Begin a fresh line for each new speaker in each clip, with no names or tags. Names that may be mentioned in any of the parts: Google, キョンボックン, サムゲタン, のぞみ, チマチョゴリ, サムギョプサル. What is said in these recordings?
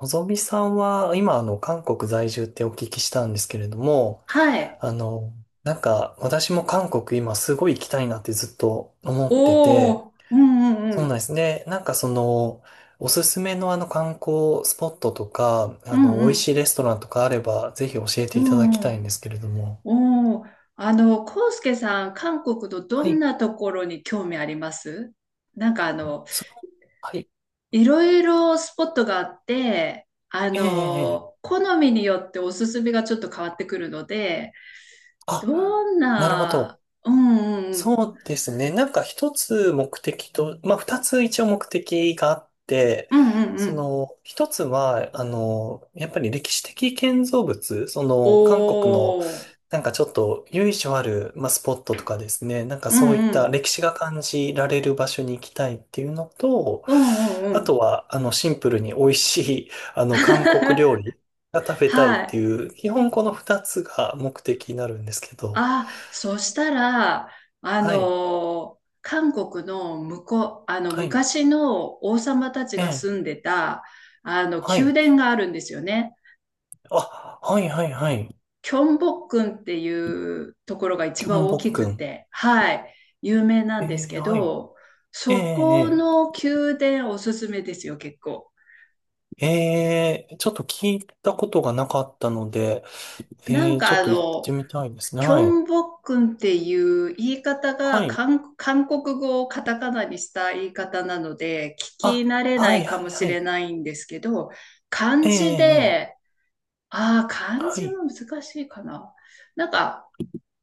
のぞみさんは、今、韓国在住ってお聞きしたんですけれども、
はい。
あの、私も韓国今すごい行きたいなってずっと思って
お
て、
お、うんうんう
そうなん
ん。
ですね。おすすめの観光スポットとか、
うんう
美味し
ん。
いレストランとかあれば、ぜひ教えて
う
いただき
んうん。
たいん
お
ですけれども。
お、おー。コウスケさん、韓国のど
は
ん
い。
なところに興味あります？なんか
その、はい。
いろいろスポットがあって、
ええ、ええ、
好みによっておすすめがちょっと変わってくるので、
あ、
どん
なるほ
な、
ど。
うんうんうん。
そうですね。なんか一つ目的と、まあ二つ一応目的があって、
うんうんう
そ
ん。
の一つは、やっぱり歴史的建造物、その韓
お
国の、
お、
なんかちょっと由緒ある、まあ、スポットとかですね、なんか
うん
そういっ
う
た
ん。
歴史が感じられる場所に行きたいっていうのと、
うんうんう
あ
ん。
とは、シンプルに美味しい、韓国料 理が食べたいっ
は
て
い。
いう、基本この二つが目的になるんですけど、
あ、そしたら、
はい、
韓国の向こう、
はい、
昔の王様たち
え
が住
え、
んでた、
は
宮
い。
殿があるんですよね。
あ、はいはいはい。
キョンボックンっていうところが一
キョ
番
ン
大
ボッ
き
ク
く
ン。
て、はい、有名なん
え
です
ー、
け
はい。
ど、
えー、
そこ
え
の宮殿おすすめですよ、結構。
ー、ちょっと聞いたことがなかったので、
なん
えー、ち
か
ょっと行ってみたいですね。
キョ
はい。
ンボックンっていう言い方
は
が
い。
韓国語をカタカナにした言い方なので、聞き
あ、
慣れ
は
ない
い
か
は
も
い
し
は
れ
い。
ないんですけど、
え
漢
ー、
字
え
で、ああ、
ー、
漢
は
字
い。
も難しいかな。なんか、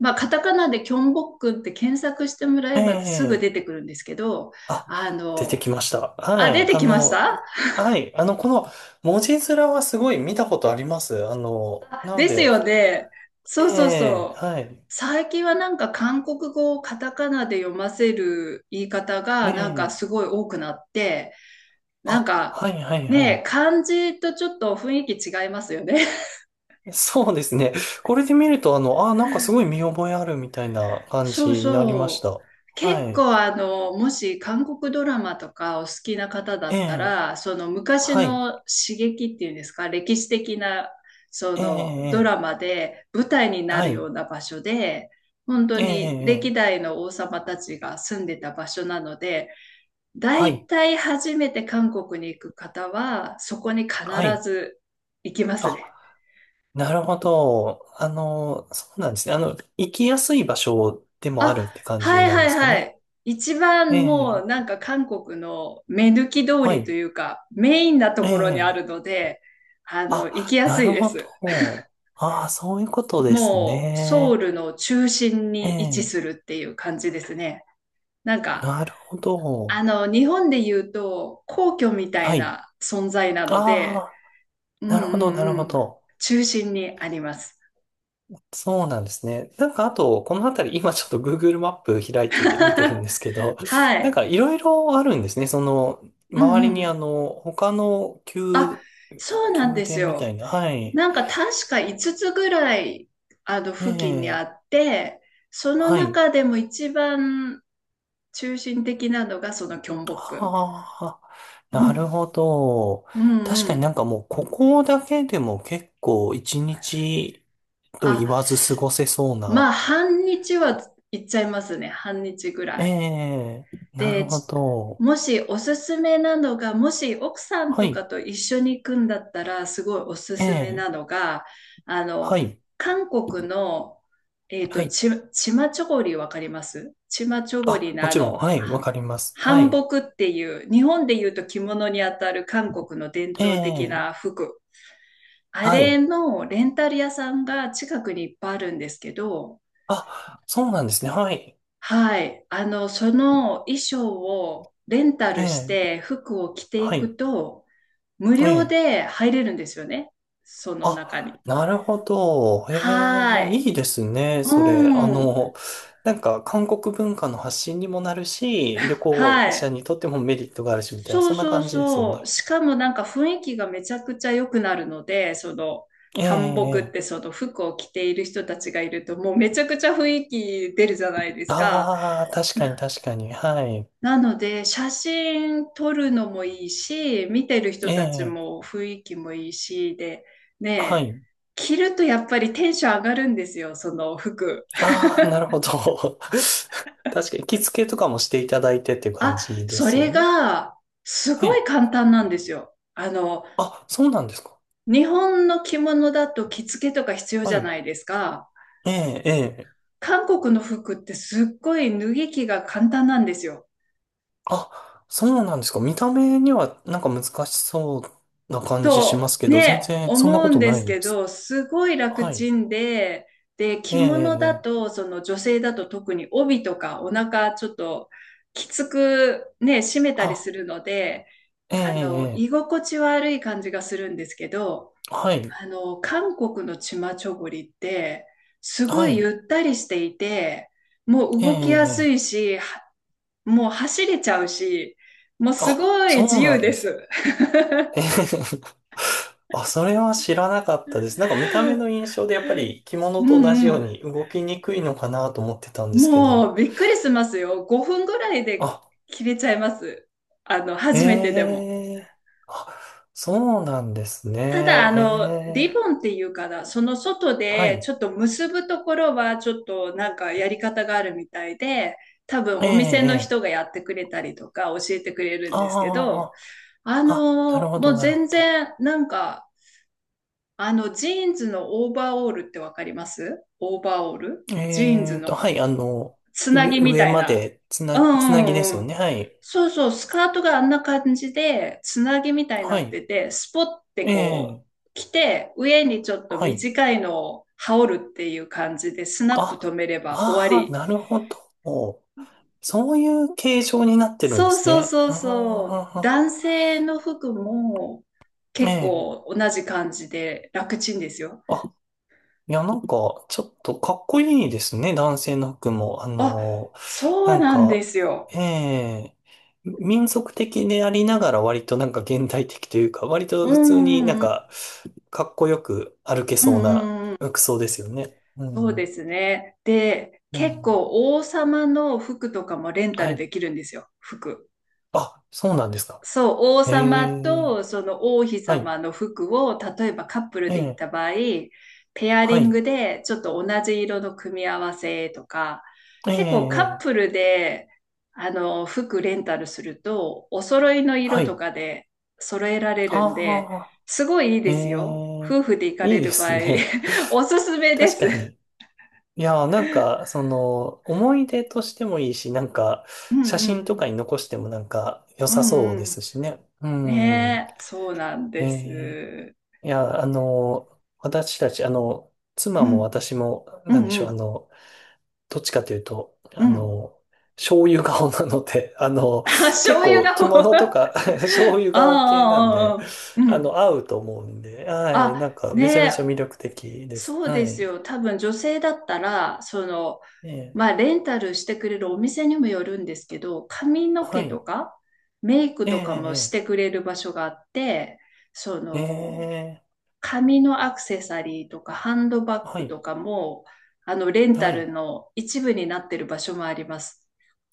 まあ、カタカナでキョンボックンって検索してもら
え
え
ー、
ばすぐ
え、
出てくるんですけど、
あ、
あ
出て
の、
きました。は
あ、出
い。
て
あ
きました。
の、はい。あの、この文字面はすごい見たことあります。あの、なの
です
で、
よね。そうそう
え
そ
ー、
う。
はい。
最近はなんか韓国語をカタカナで読ませる言い方
え
がなんか
ー、
すごい多くなって、なん
あ、
か、
はいはいは
ね、
い。
漢字とちょっと雰囲気違いますよね。
そうですね。これで見ると、あ、なんかすごい見覚えあるみたいな感
そ
じ
う
になりまし
そう。
た。
結
はい。
構もし韓国ドラマとかお好きな方だ
え
った
え、
ら、その昔
はい。
の刺激っていうんですか、歴史的なそ
え
のド
え、
ラ
ええ、
マで舞台にな
は
るよ
い。
うな場所で、本当
え
に歴
え、ええ、
代の王様たちが住んでた場所なので、
は
大
い。
体初めて韓国に行く方は、そこに必
はい。
ず行きますね。
あ、なるほど。そうなんですね。あの、行きやすい場所でもあ
あ、
るって感
は
じ
い
なん
は
ですか
いは
ね？
い。一
え
番も
え、
うなんか韓国の目抜き通
は
りと
い。
いうかメインなと
え
ころにあ
え、
るので、行き
あ、
や
な
すい
る
で
ほ
す。
ど。ああ、そういうことです
もうソ
ね。
ウルの中心
え
に位置
え、
するっていう感じですね。なんか、
なるほど。
日本で言うと皇居みた
は
い
い。
な存在なの
あ
で、
あ。
うん
な
う
るほど、
ん
なるほ
うん。
ど。
中心にあります。
そうなんですね。なんかあと、この辺り、今ちょっと Google マップ開いて見てるんですけど、
は
なん
い。
かいろいろあるんですね。その、
うん
周
う
り
んう
に
ん。
他の
そうなん
宮
です
殿みたい
よ。
な。はい。
なんか確か5つつぐらい、
え
付近にあ
え、
って、その
はい。
中でも一番中心的なのがそのキョンボックン。
ああ、
う
なる
ん。
ほど。
うんう
確かにな
ん。
んかもう、ここだけでも結構一日と言
あ、
わず過ごせそう
ま
な。
あ、半日は行っちゃいますね。半日ぐら
え
い。
え、なる
で、
ほ
ち
ど。
もしおすすめなのが、もし奥さん
は
とか
い。
と一緒に行くんだったら、すごいおす
え
すめ
え、
なのが、あ
は
の、
い。
韓国の、
はい。
チマチョゴリわかります？チマチョゴリ
あ、
の
もちろん。はい。わかります。は
韓
い。
服っていう、日本で言うと着物にあたる韓国の伝
え
統的
え、
な服。あ
は
れ
い。
のレンタル屋さんが近くにいっぱいあるんですけど、
あ、そうなんですね。はい。
はい。その衣装をレンタ
え
ルし
え、
て服を着てい
はい。
くと、無
え
料
え。
で入れるんですよね。その中に。
あ、なるほど。え
は
え、
い。
いいですね、それ。
うん。
韓国文化の発信にもなるし、旅行
は
者
い。
にとってもメリットがあるし、みたいな、
そう
そんな
そう
感じですよ
そう。
ね。
しかもなんか雰囲気がめちゃくちゃ良くなるので、その、
ええ、
韓 a っ
え
て
え。
その服を着ている人たちがいると、もうめちゃくちゃ雰囲気出るじゃないですか。
ああ、確かに確かに。はい。
なので、写真撮るのもいいし、見てる人
え
たち
え、
も雰囲気もいいし、で、
は
ねえ、
い。
着るとやっぱりテンション上がるんですよ、その服。
ああ、なるほど。確かに、着付けとかもしていただいてっていう感
あ、
じで
そ
すよ
れ
ね？
が、す
は
ごい
い。
簡単なんですよ。
あ、そうなんですか。
日本の着物だと着付けとか必要
は
じゃ
い。
ないですか。
ええ、ええ。
韓国の服ってすっごい脱ぎ着が簡単なんですよ。
あ、そうなんですか。見た目にはなんか難しそうな感じしま
と
すけど、全
ね、
然そんな
思う
こ
ん
と
で
な
す
いん
け
です。
ど、すごい楽
はい。
ちんで、で、
え
着
え、え
物
え。
だ
ええ、
と、その女性だと特に帯とかお腹ちょっときつくね、締めたりす
あ、
るので、
ええ、ええ。
居
え
心地悪い感じがするんですけど、
え、はい。
韓国のチマチョゴリって、すご
は
い
い。
ゆったりしていて、もう
ええ、
動きや
え
すい
え。
し、は、もう走れちゃうし、もうす
あ、
ごい
そ
自
うな
由
ん
で
です。
す。
ええ、あ、それは知らなかったです。なんか見た目の印 象でやっぱり着
う
物と同じ
んう
よう
ん。
に動きにくいのかなと思ってたんですけ
もう
ど。
びっくりしますよ。5分ぐらいで
あ、
切れちゃいます。
え
初めてでも。
え、あ、そうなんです
ただ、
ね。
リ
ええ、
ボンっていうかな、その外
は
で
い。
ちょっと結ぶところはちょっとなんかやり方があるみたいで、多分
え
お店の
え、え
人
え、
がやってくれたりとか教えてくれるんですけど、
ああ、あ、なるほ
も
ど、
う
なる
全
ほど。
然なんか、ジーンズのオーバーオールってわかります？オーバーオール、ジーン
え
ズ
えと、
の
はい、
つなぎみ
上
たい
ま
な。
でつ
う
な、つな
ん
ぎで
うん
す
う
よ
ん。
ね。はい。
そうそう、スカートがあんな感じで、つなぎみたいにな
は
っ
い。
てて、スポッて
え
こう、
え、
着て、上にちょっと
はい。
短いのを羽織るっていう感じで、スナップ止
あ、
めれば終わ
ああ、
り。
なるほど。そういう形状になってるんで
そう
す
そう
ね。
そうそう。
あ
男性の服も
あ、え
結
え。
構同じ感じで楽ちんですよ。
あ、いや、なんか、ちょっとかっこいいですね、男性の服も。
あ、そ
な
う
ん
なんで
か、
すよ。
ええ、民族的でありながら割となんか現代的というか、割と
うん
普通に
う
なん
んうん。
か、かっこよく歩け
うんう
そうな
んうん。
服装ですよね。う
そうで
ん。
すね。で、
う
結
ん。
構王様の服とかもレンタ
は
ル
い。
できるんですよ、服。
あ、そうなんですか。
そう、王
え
様
え、
とその王妃
はい。
様の服を、例えばカップル
え
で行っ
え、
た場合、ペア
は
リン
い。
グでちょっと同じ色の組み合わせとか、
え
結構カッ
え、
プルで、服レンタルすると、お揃いの
は
色と
い。
かで揃えられるんで、
ああ、
すごいいい
え
ですよ。
え、
夫婦で行か
い
れ
いで
る場
す
合、
ね。
おすす めで
確か
す。
に。いやー、なんか、その、思い出としてもいいし、なんか、
うん
写
うん
真
う
とかに
ん。
残してもなんか、良
う
さそう
んう
で
ん。
すしね。うん。
ねえ、そうなん
え
です。
え、いや、私たち、
う
妻も
ん、
私も、
う
なんで
ん、
し
う
ょう、あ
ん、
の、どっちかというと、
うん。
醤油顔なので、あの、
あ、
結
醤油
構
が、
着物と か 醤油
ああ、あ
顔系なん
あ、
で、
ああ、うん。
合うと思うんで、はい、な
あ、
んか
ね
めちゃめち
え、
ゃ魅力的です。
そう
は
です
い。
よ。多分女性だったら、その、
ええ、
まあ、レンタルしてくれるお店にもよるんですけど、髪の
は
毛と
い。
か、メイク
え
とかもし
え、
てくれる場所があって、そ
ええ、え
の、
え、
紙のアクセサリーとかハンドバッ
は
グ
い、
とかも、レンタ
は
ル
い。
の一部になってる場所もあります。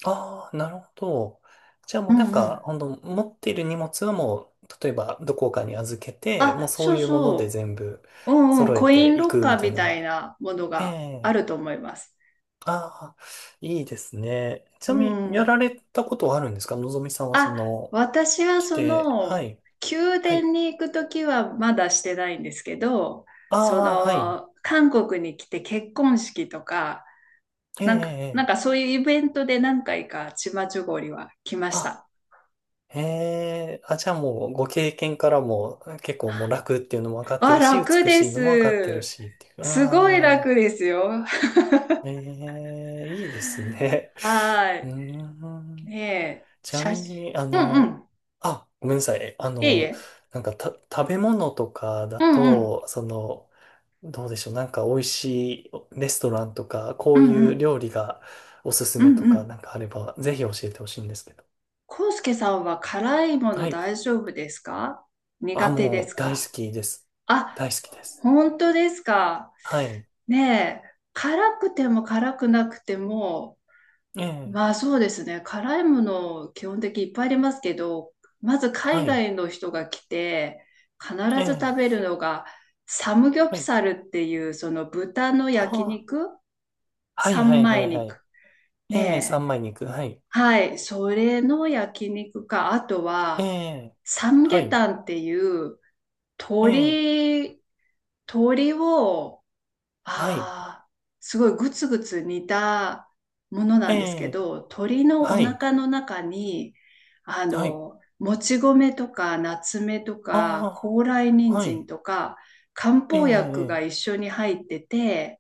ああ、なるほど。じゃあ
う
もうな
ん
ん
う
か、
ん。
ほんと、持っている荷物はもう、例えばどこかに預けて、もう
あ、
そ
そ
う
う
いうもので
そ
全部
う。うんうん。
揃え
コイン
てい
ロッ
くみ
カー
たい
み
な。
たいなもの
え
がある
え、
と思います。
ああ、いいですね。ち
う
なみに、や
ん。
られたことはあるんですか、のぞみさんはそ
あ、
の、
私は
来
そ
て、は
の、
い、
宮
はい。
殿に行くときはまだしてないんですけど、
あ
そ
あ、はい。
の、韓国に来て結婚式とか、
ええ、え
なんか、なん
え。え
か
え、
そういうイベントで何回かチマチョゴリは来まし
あ、
た。
ええ、あ、じゃあもう、ご経験からも、結構もう楽っていうのも分かって
あ、
るし、
楽
美
で
しいのも分かってる
す。
し、っていう。
すごい
あ
楽
あ、
ですよ。
ええ、いいですね。
は
うー
い。
ん。
ねえ、
ちな
写
み
真。
に、
うんうん。
あ、ごめんなさい。あ
いい
の、
え。
なんか、た、食べ物とかだ
うんうん。
と、その、どうでしょう。なんか美味しいレストランとか、こ
う
う
ん
い
う
う
ん。
料理がおすす
う
め
ん
と
う
か、な
ん。
んかあれば、ぜひ教えてほしいんですけど。
康介さんは辛いもの
はい。
大丈夫ですか？
あ、
苦手で
も
す
う大好
か？
きです。
あ、
大好きです。
本当ですか。
はい。
ねえ、辛くても辛くなくても、
ええ、
まあそうですね。辛いもの基本的にいっぱいありますけど、まず
は
海
い。
外の人が来て、必
え
ず食
え、
べるのが、サムギョプ
はい。
サルっていう、その豚の焼
あ
肉、
あ、はいは
三
いは
枚
いは
肉。
い。ええ、
ねえ。
三枚肉。はい。
はい。それの焼肉か、あと
え
は、
え、
サム
は
ゲ
い。
タンっていう、
ええ、
鳥鳥を、
はい。
ああ、すごいグツグツ煮たもの
え
なんですけ
え、
ど、鶏のお
はい。
腹の中に、
はい。
もち米とか、夏目とか、
あ
高麗
あ、
人
は
参
い。
とか、漢
ええ、
方薬が
え
一
え、
緒に入ってて、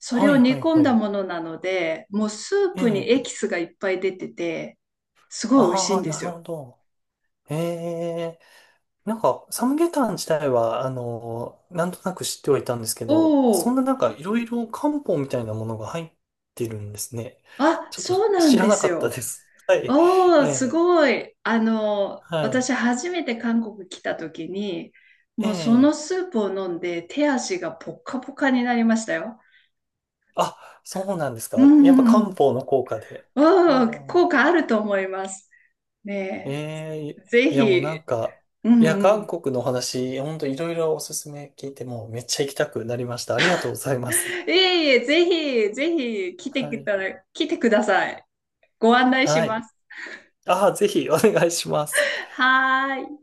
それ
は
を
い
煮
はい
込ん
は
だ
い。
ものなので、もうスー
え
プにエ
え、
キスがいっぱい出てて、すごい美味しい
あ
ん
あ、
で
な
す
るほ
よ。
ど。ええ、なんか、サムゲタン自体は、なんとなく知ってはいたんですけ
お
ど、そんな
お、
なんか、いろいろ漢方みたいなものが入ってるんですね。
あ、
ちょっと
そうな
知
ん
ら
で
な
す
かったで
よ。
す。はい。
おー、
え
す
え、
ごい。
は
私
い。
初めて韓国来た時に、
え
もうその
え、
スープを飲んで手足がポッカポカになりましたよ。
あ、そうなんです
う
か。や
ん
っぱ
うんう
漢
ん。
方の効果で。あ
おー、効
あ、
果あると思います。
え
ね
え、
え、ぜ
いやもう
ひ、
なんか、
う
い
ん
や、
う
韓
ん。
国のお話、本当いろいろおすすめ聞いて、もうめっちゃ行きたくなりました。ありがとうございます。
いえいえ、ぜひ、ぜひ来て
は
き
い。
たら、来てください。ご案内し
は
ま
い。
す。
ああ、ぜひお願いします。
はーい。